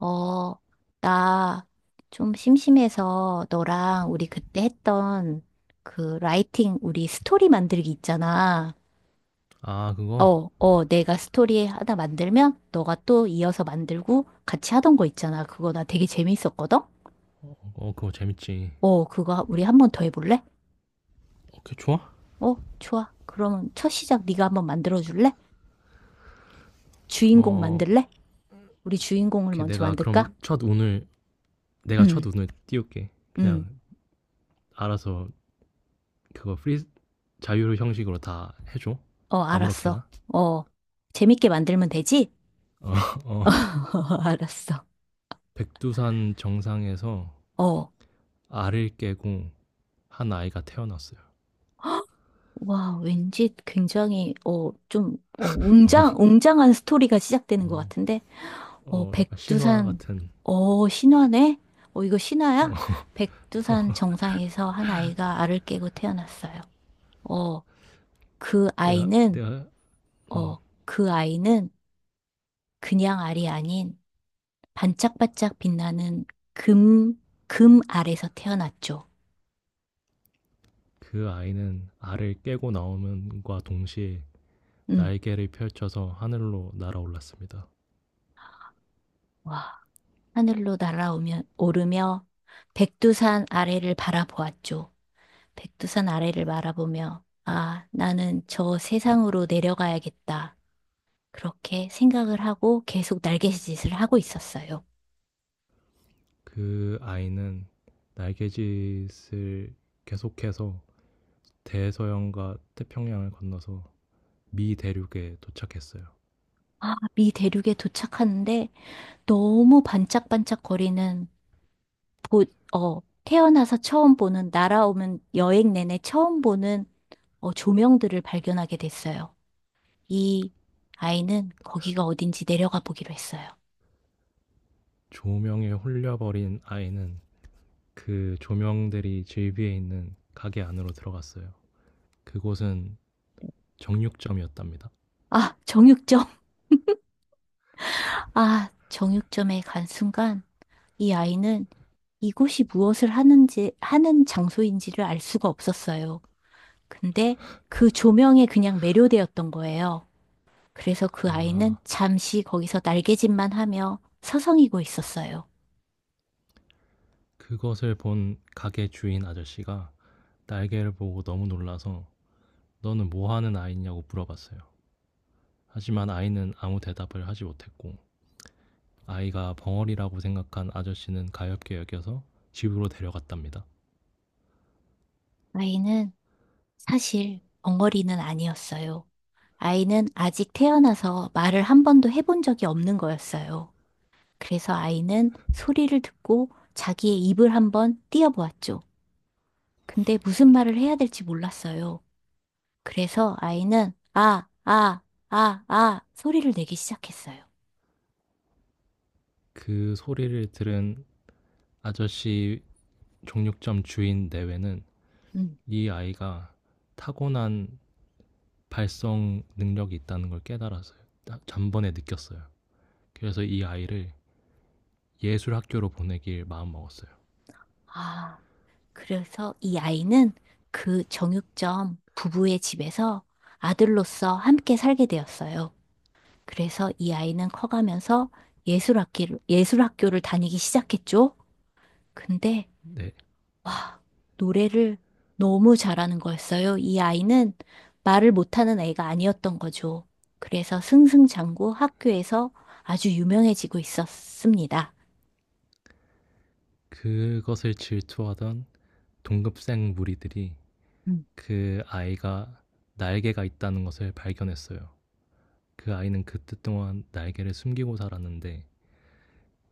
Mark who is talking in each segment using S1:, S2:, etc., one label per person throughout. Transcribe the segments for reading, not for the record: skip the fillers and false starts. S1: 어, 나 좀 심심해서 너랑 우리 그때 했던 그 라이팅 우리 스토리 만들기 있잖아.
S2: 아, 그거?
S1: 내가 스토리 하나 만들면 너가 또 이어서 만들고 같이 하던 거 있잖아. 그거 나 되게 재밌었거든?
S2: 어, 그거 재밌지.
S1: 그거 우리 한 번 더 해볼래?
S2: 오케이, 좋아?
S1: 좋아. 그러면 첫 시작 네가 한번 만들어 줄래? 주인공
S2: 어,
S1: 만들래? 우리 주인공을
S2: 오케이,
S1: 먼저 만들까?
S2: 내가 첫
S1: 응,
S2: 운을 띄울게.
S1: 응.
S2: 그냥 알아서 그거 프리, 자유로 형식으로 다 해줘.
S1: 알았어.
S2: 아무렇게나.
S1: 어, 재밌게 만들면 되지?
S2: 어, 어.
S1: 알았어.
S2: 백두산 정상에서
S1: 어,
S2: 알을 깨고 한 아이가 태어났어요.
S1: 와, 왠지 굉장히, 좀,
S2: 너무,
S1: 웅장한 스토리가 시작되는 것
S2: 어,
S1: 같은데, 어,
S2: 약간 신화
S1: 백두산,
S2: 같은.
S1: 신화네? 이거 신화야?
S2: 어,
S1: 백두산 정상에서 한 아이가 알을 깨고 태어났어요. 어, 그
S2: 내가,
S1: 아이는,
S2: 내가, 음,
S1: 어, 그 아이는 그냥 알이 아닌 반짝반짝 빛나는 금, 금 알에서 태어났죠.
S2: 그 아이는 알을 깨고 나오면과 동시에
S1: 음,
S2: 날개를 펼쳐서 하늘로 날아올랐습니다.
S1: 와, 하늘로 날아오면, 오르며 백두산 아래를 바라보았죠. 백두산 아래를 바라보며, 아, 나는 저 세상으로 내려가야겠다. 그렇게 생각을 하고 계속 날갯짓을 하고 있었어요.
S2: 그 아이는 날갯짓을 계속해서 대서양과 태평양을 건너서 미 대륙에 도착했어요.
S1: 아, 미 대륙에 도착하는데 너무 반짝반짝거리는, 보, 태어나서 처음 보는, 날아오면 여행 내내 처음 보는 조명들을 발견하게 됐어요. 이 아이는 거기가 어딘지 내려가 보기로 했어요.
S2: 조명에 홀려버린 아이는 그 조명들이 질비해 있는 가게 안으로 들어갔어요. 그곳은 정육점이었답니다.
S1: 아, 정육점. 아, 정육점에 간 순간 이 아이는 이곳이 무엇을 하는지, 하는 장소인지를 알 수가 없었어요. 근데 그 조명에 그냥 매료되었던 거예요. 그래서 그 아이는
S2: 아,
S1: 잠시 거기서 날개짓만 하며 서성이고 있었어요.
S2: 그것을 본 가게 주인 아저씨가 날개를 보고 너무 놀라서 너는 뭐 하는 아이냐고 물어봤어요. 하지만 아이는 아무 대답을 하지 못했고 아이가 벙어리라고 생각한 아저씨는 가엾게 여겨서 집으로 데려갔답니다.
S1: 아이는 사실 벙어리는 아니었어요. 아이는 아직 태어나서 말을 한 번도 해본 적이 없는 거였어요. 그래서 아이는 소리를 듣고 자기의 입을 한번 띄어보았죠. 근데 무슨 말을 해야 될지 몰랐어요. 그래서 아이는 아, 아, 아, 아 소리를 내기 시작했어요.
S2: 그 소리를 들은 아저씨 정육점 주인 내외는
S1: 음.
S2: 이 아이가 타고난 발성 능력이 있다는 걸 깨달았어요. 전번에 느꼈어요. 그래서 이 아이를 예술 학교로 보내길 마음먹었어요.
S1: 아, 그래서 이 아이는 그 정육점 부부의 집에서 아들로서 함께 살게 되었어요. 그래서 이 아이는 커가면서 예술학기를, 예술학교를 다니기 시작했죠. 근데
S2: 네.
S1: 와, 노래를 너무 잘하는 거였어요. 이 아이는 말을 못하는 애가 아니었던 거죠. 그래서 승승장구 학교에서 아주 유명해지고 있었습니다.
S2: 그것을 질투하던 동급생 무리들이
S1: 음.
S2: 그 아이가 날개가 있다는 것을 발견했어요. 그 아이는 그 뜻 동안 날개를 숨기고 살았는데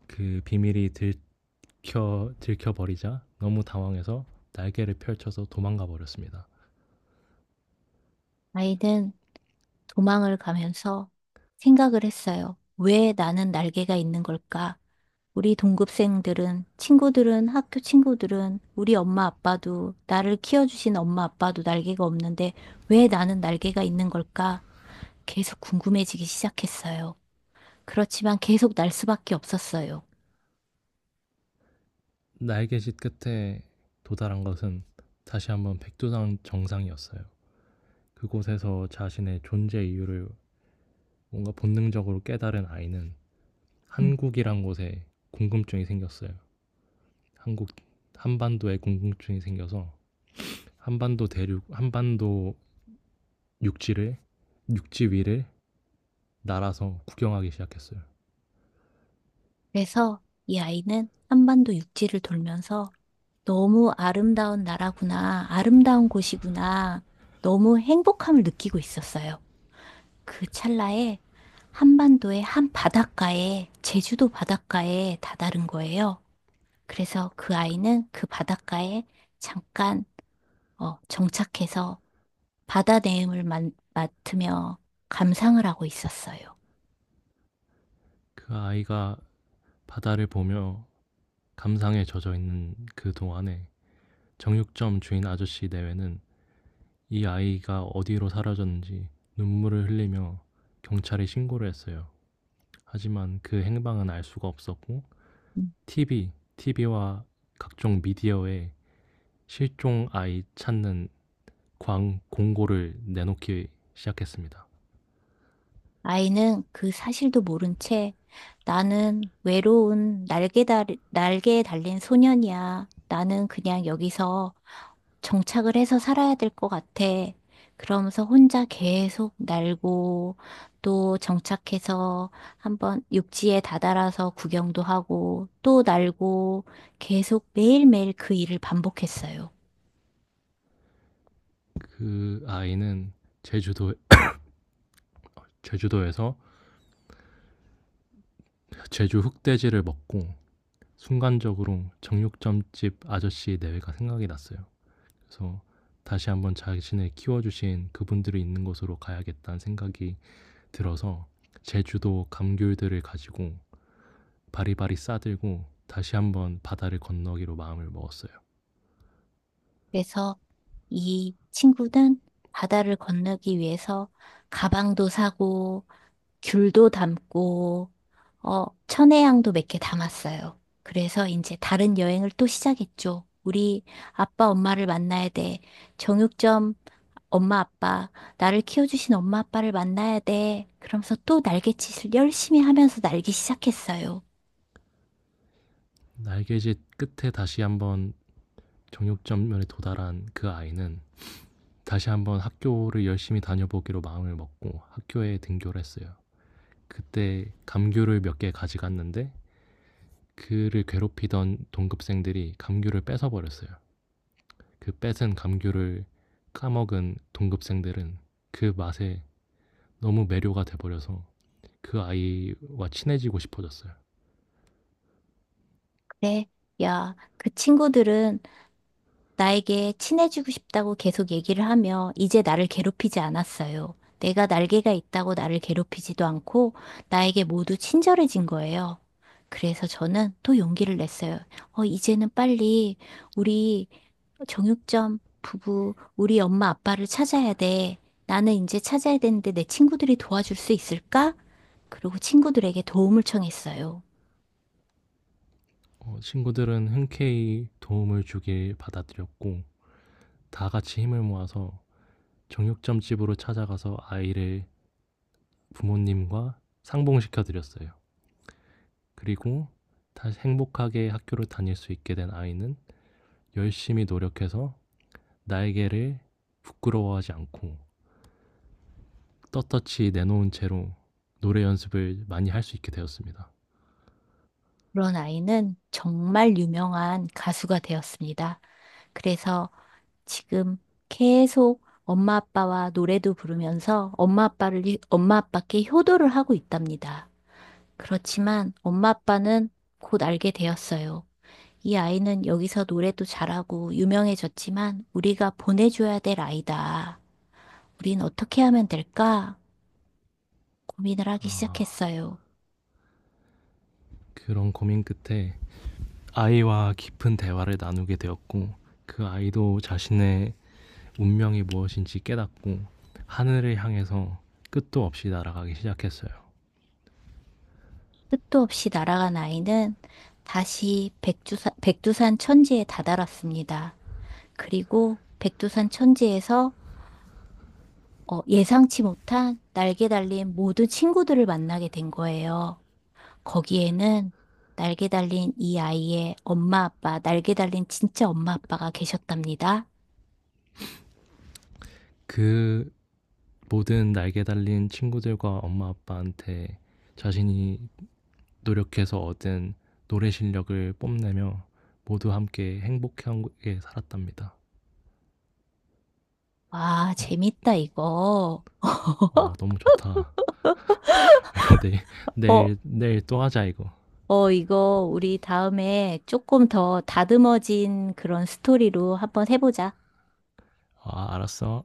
S2: 그 비밀이 들켜 버리자 너무 당황해서 날개를 펼쳐서 도망가 버렸습니다.
S1: 아이는 도망을 가면서 생각을 했어요. 왜 나는 날개가 있는 걸까? 우리 동급생들은, 친구들은, 학교 친구들은, 우리 엄마 아빠도, 나를 키워주신 엄마 아빠도 날개가 없는데 왜 나는 날개가 있는 걸까? 계속 궁금해지기 시작했어요. 그렇지만 계속 날 수밖에 없었어요.
S2: 날개짓 끝에 도달한 것은 다시 한번 백두산 정상이었어요. 그곳에서 자신의 존재 이유를 뭔가 본능적으로 깨달은 아이는
S1: 음.
S2: 한국이란 곳에 궁금증이 생겼어요. 한국 한반도에 궁금증이 생겨서 한반도 육지를 육지 위를 날아서 구경하기 시작했어요.
S1: 그래서 이 아이는 한반도 육지를 돌면서 너무 아름다운 나라구나, 아름다운 곳이구나, 너무 행복함을 느끼고 있었어요. 그 찰나에 한반도의 한 바닷가에, 제주도 바닷가에 다다른 거예요. 그래서 그 아이는 그 바닷가에 잠깐 정착해서 바다 내음을 맡으며 감상을 하고 있었어요.
S2: 그 아이가 바다를 보며 감상에 젖어 있는 그 동안에 정육점 주인 아저씨 내외는 이 아이가 어디로 사라졌는지 눈물을 흘리며 경찰에 신고를 했어요. 하지만 그 행방은 알 수가 없었고 TV와 각종 미디어에 실종 아이 찾는 광 공고를 내놓기 시작했습니다.
S1: 아이는 그 사실도 모른 채 나는 외로운 날개 달, 날개에 달린 소년이야. 나는 그냥 여기서 정착을 해서 살아야 될 것 같아. 그러면서 혼자 계속 날고 또 정착해서 한번 육지에 다다라서 구경도 하고 또 날고 계속 매일매일 그 일을 반복했어요.
S2: 그 아이는 제주도 제주도에서 제주 흑돼지를 먹고 순간적으로 정육점집 아저씨 내외가 생각이 났어요. 그래서 다시 한번 자신을 키워주신 그분들이 있는 곳으로 가야겠다는 생각이 들어서 제주도 감귤들을 가지고 바리바리 싸들고 다시 한번 바다를 건너기로 마음을 먹었어요.
S1: 그래서 이 친구는 바다를 건너기 위해서 가방도 사고 귤도 담고, 천혜향도 몇 개 담았어요. 그래서 이제 다른 여행을 또 시작했죠. 우리 아빠 엄마를 만나야 돼. 정육점 엄마 아빠, 나를 키워주신 엄마 아빠를 만나야 돼. 그러면서 또 날갯짓을 열심히 하면서 날기 시작했어요.
S2: 날개짓 끝에 다시 한번 정육점면에 도달한 그 아이는 다시 한번 학교를 열심히 다녀보기로 마음을 먹고 학교에 등교를 했어요. 그때 감귤을 몇 개 가져갔는데 그를 괴롭히던 동급생들이 감귤을 뺏어 버렸어요. 그 뺏은 감귤을 까먹은 동급생들은 그 맛에 너무 매료가 돼 버려서 그 아이와 친해지고 싶어졌어요.
S1: 그래, 야, 그 친구들은 나에게 친해지고 싶다고 계속 얘기를 하며 이제 나를 괴롭히지 않았어요. 내가 날개가 있다고 나를 괴롭히지도 않고 나에게 모두 친절해진 거예요. 그래서 저는 또 용기를 냈어요. 이제는 빨리 우리 정육점 부부, 우리 엄마 아빠를 찾아야 돼. 나는 이제 찾아야 되는데 내 친구들이 도와줄 수 있을까? 그리고 친구들에게 도움을 청했어요.
S2: 어, 친구들은 흔쾌히 도움을 주길 받아들였고 다 같이 힘을 모아서 정육점 집으로 찾아가서 아이를 부모님과 상봉시켜 드렸어요. 그리고 다시 행복하게 학교를 다닐 수 있게 된 아이는 열심히 노력해서 날개를 부끄러워하지 않고 떳떳이 내놓은 채로 노래 연습을 많이 할 수 있게 되었습니다.
S1: 그런 아이는 정말 유명한 가수가 되었습니다. 그래서 지금 계속 엄마 아빠와 노래도 부르면서 엄마 아빠를, 엄마 아빠께 효도를 하고 있답니다. 그렇지만 엄마 아빠는 곧 알게 되었어요. 이 아이는 여기서 노래도 잘하고 유명해졌지만 우리가 보내줘야 될 아이다. 우린 어떻게 하면 될까? 고민을 하기
S2: 아,
S1: 시작했어요.
S2: 그런 고민 끝에 아이와 깊은 대화를 나누게 되었고 그 아이도 자신의 운명이 무엇인지 깨닫고 하늘을 향해서 끝도 없이 날아가기 시작했어요.
S1: 끝도 없이 날아간 아이는 다시 백두산, 백두산 천지에 다다랐습니다. 그리고 백두산 천지에서 예상치 못한 날개 달린 모든 친구들을 만나게 된 거예요. 거기에는 날개 달린 이 아이의 엄마 아빠, 날개 달린 진짜 엄마 아빠가 계셨답니다.
S2: 그 모든 날개 달린 친구들과 엄마 아빠한테 자신이 노력해서 얻은 노래 실력을 뽐내며 모두 함께 행복하게 살았답니다.
S1: 와,
S2: 어,
S1: 재밌다, 이거.
S2: 어, 너무 좋다. 이거 내일,
S1: 어,
S2: 또 하자, 이거.
S1: 이거 우리 다음에 조금 더 다듬어진 그런 스토리로 한번 해보자.
S2: 아, 알았어.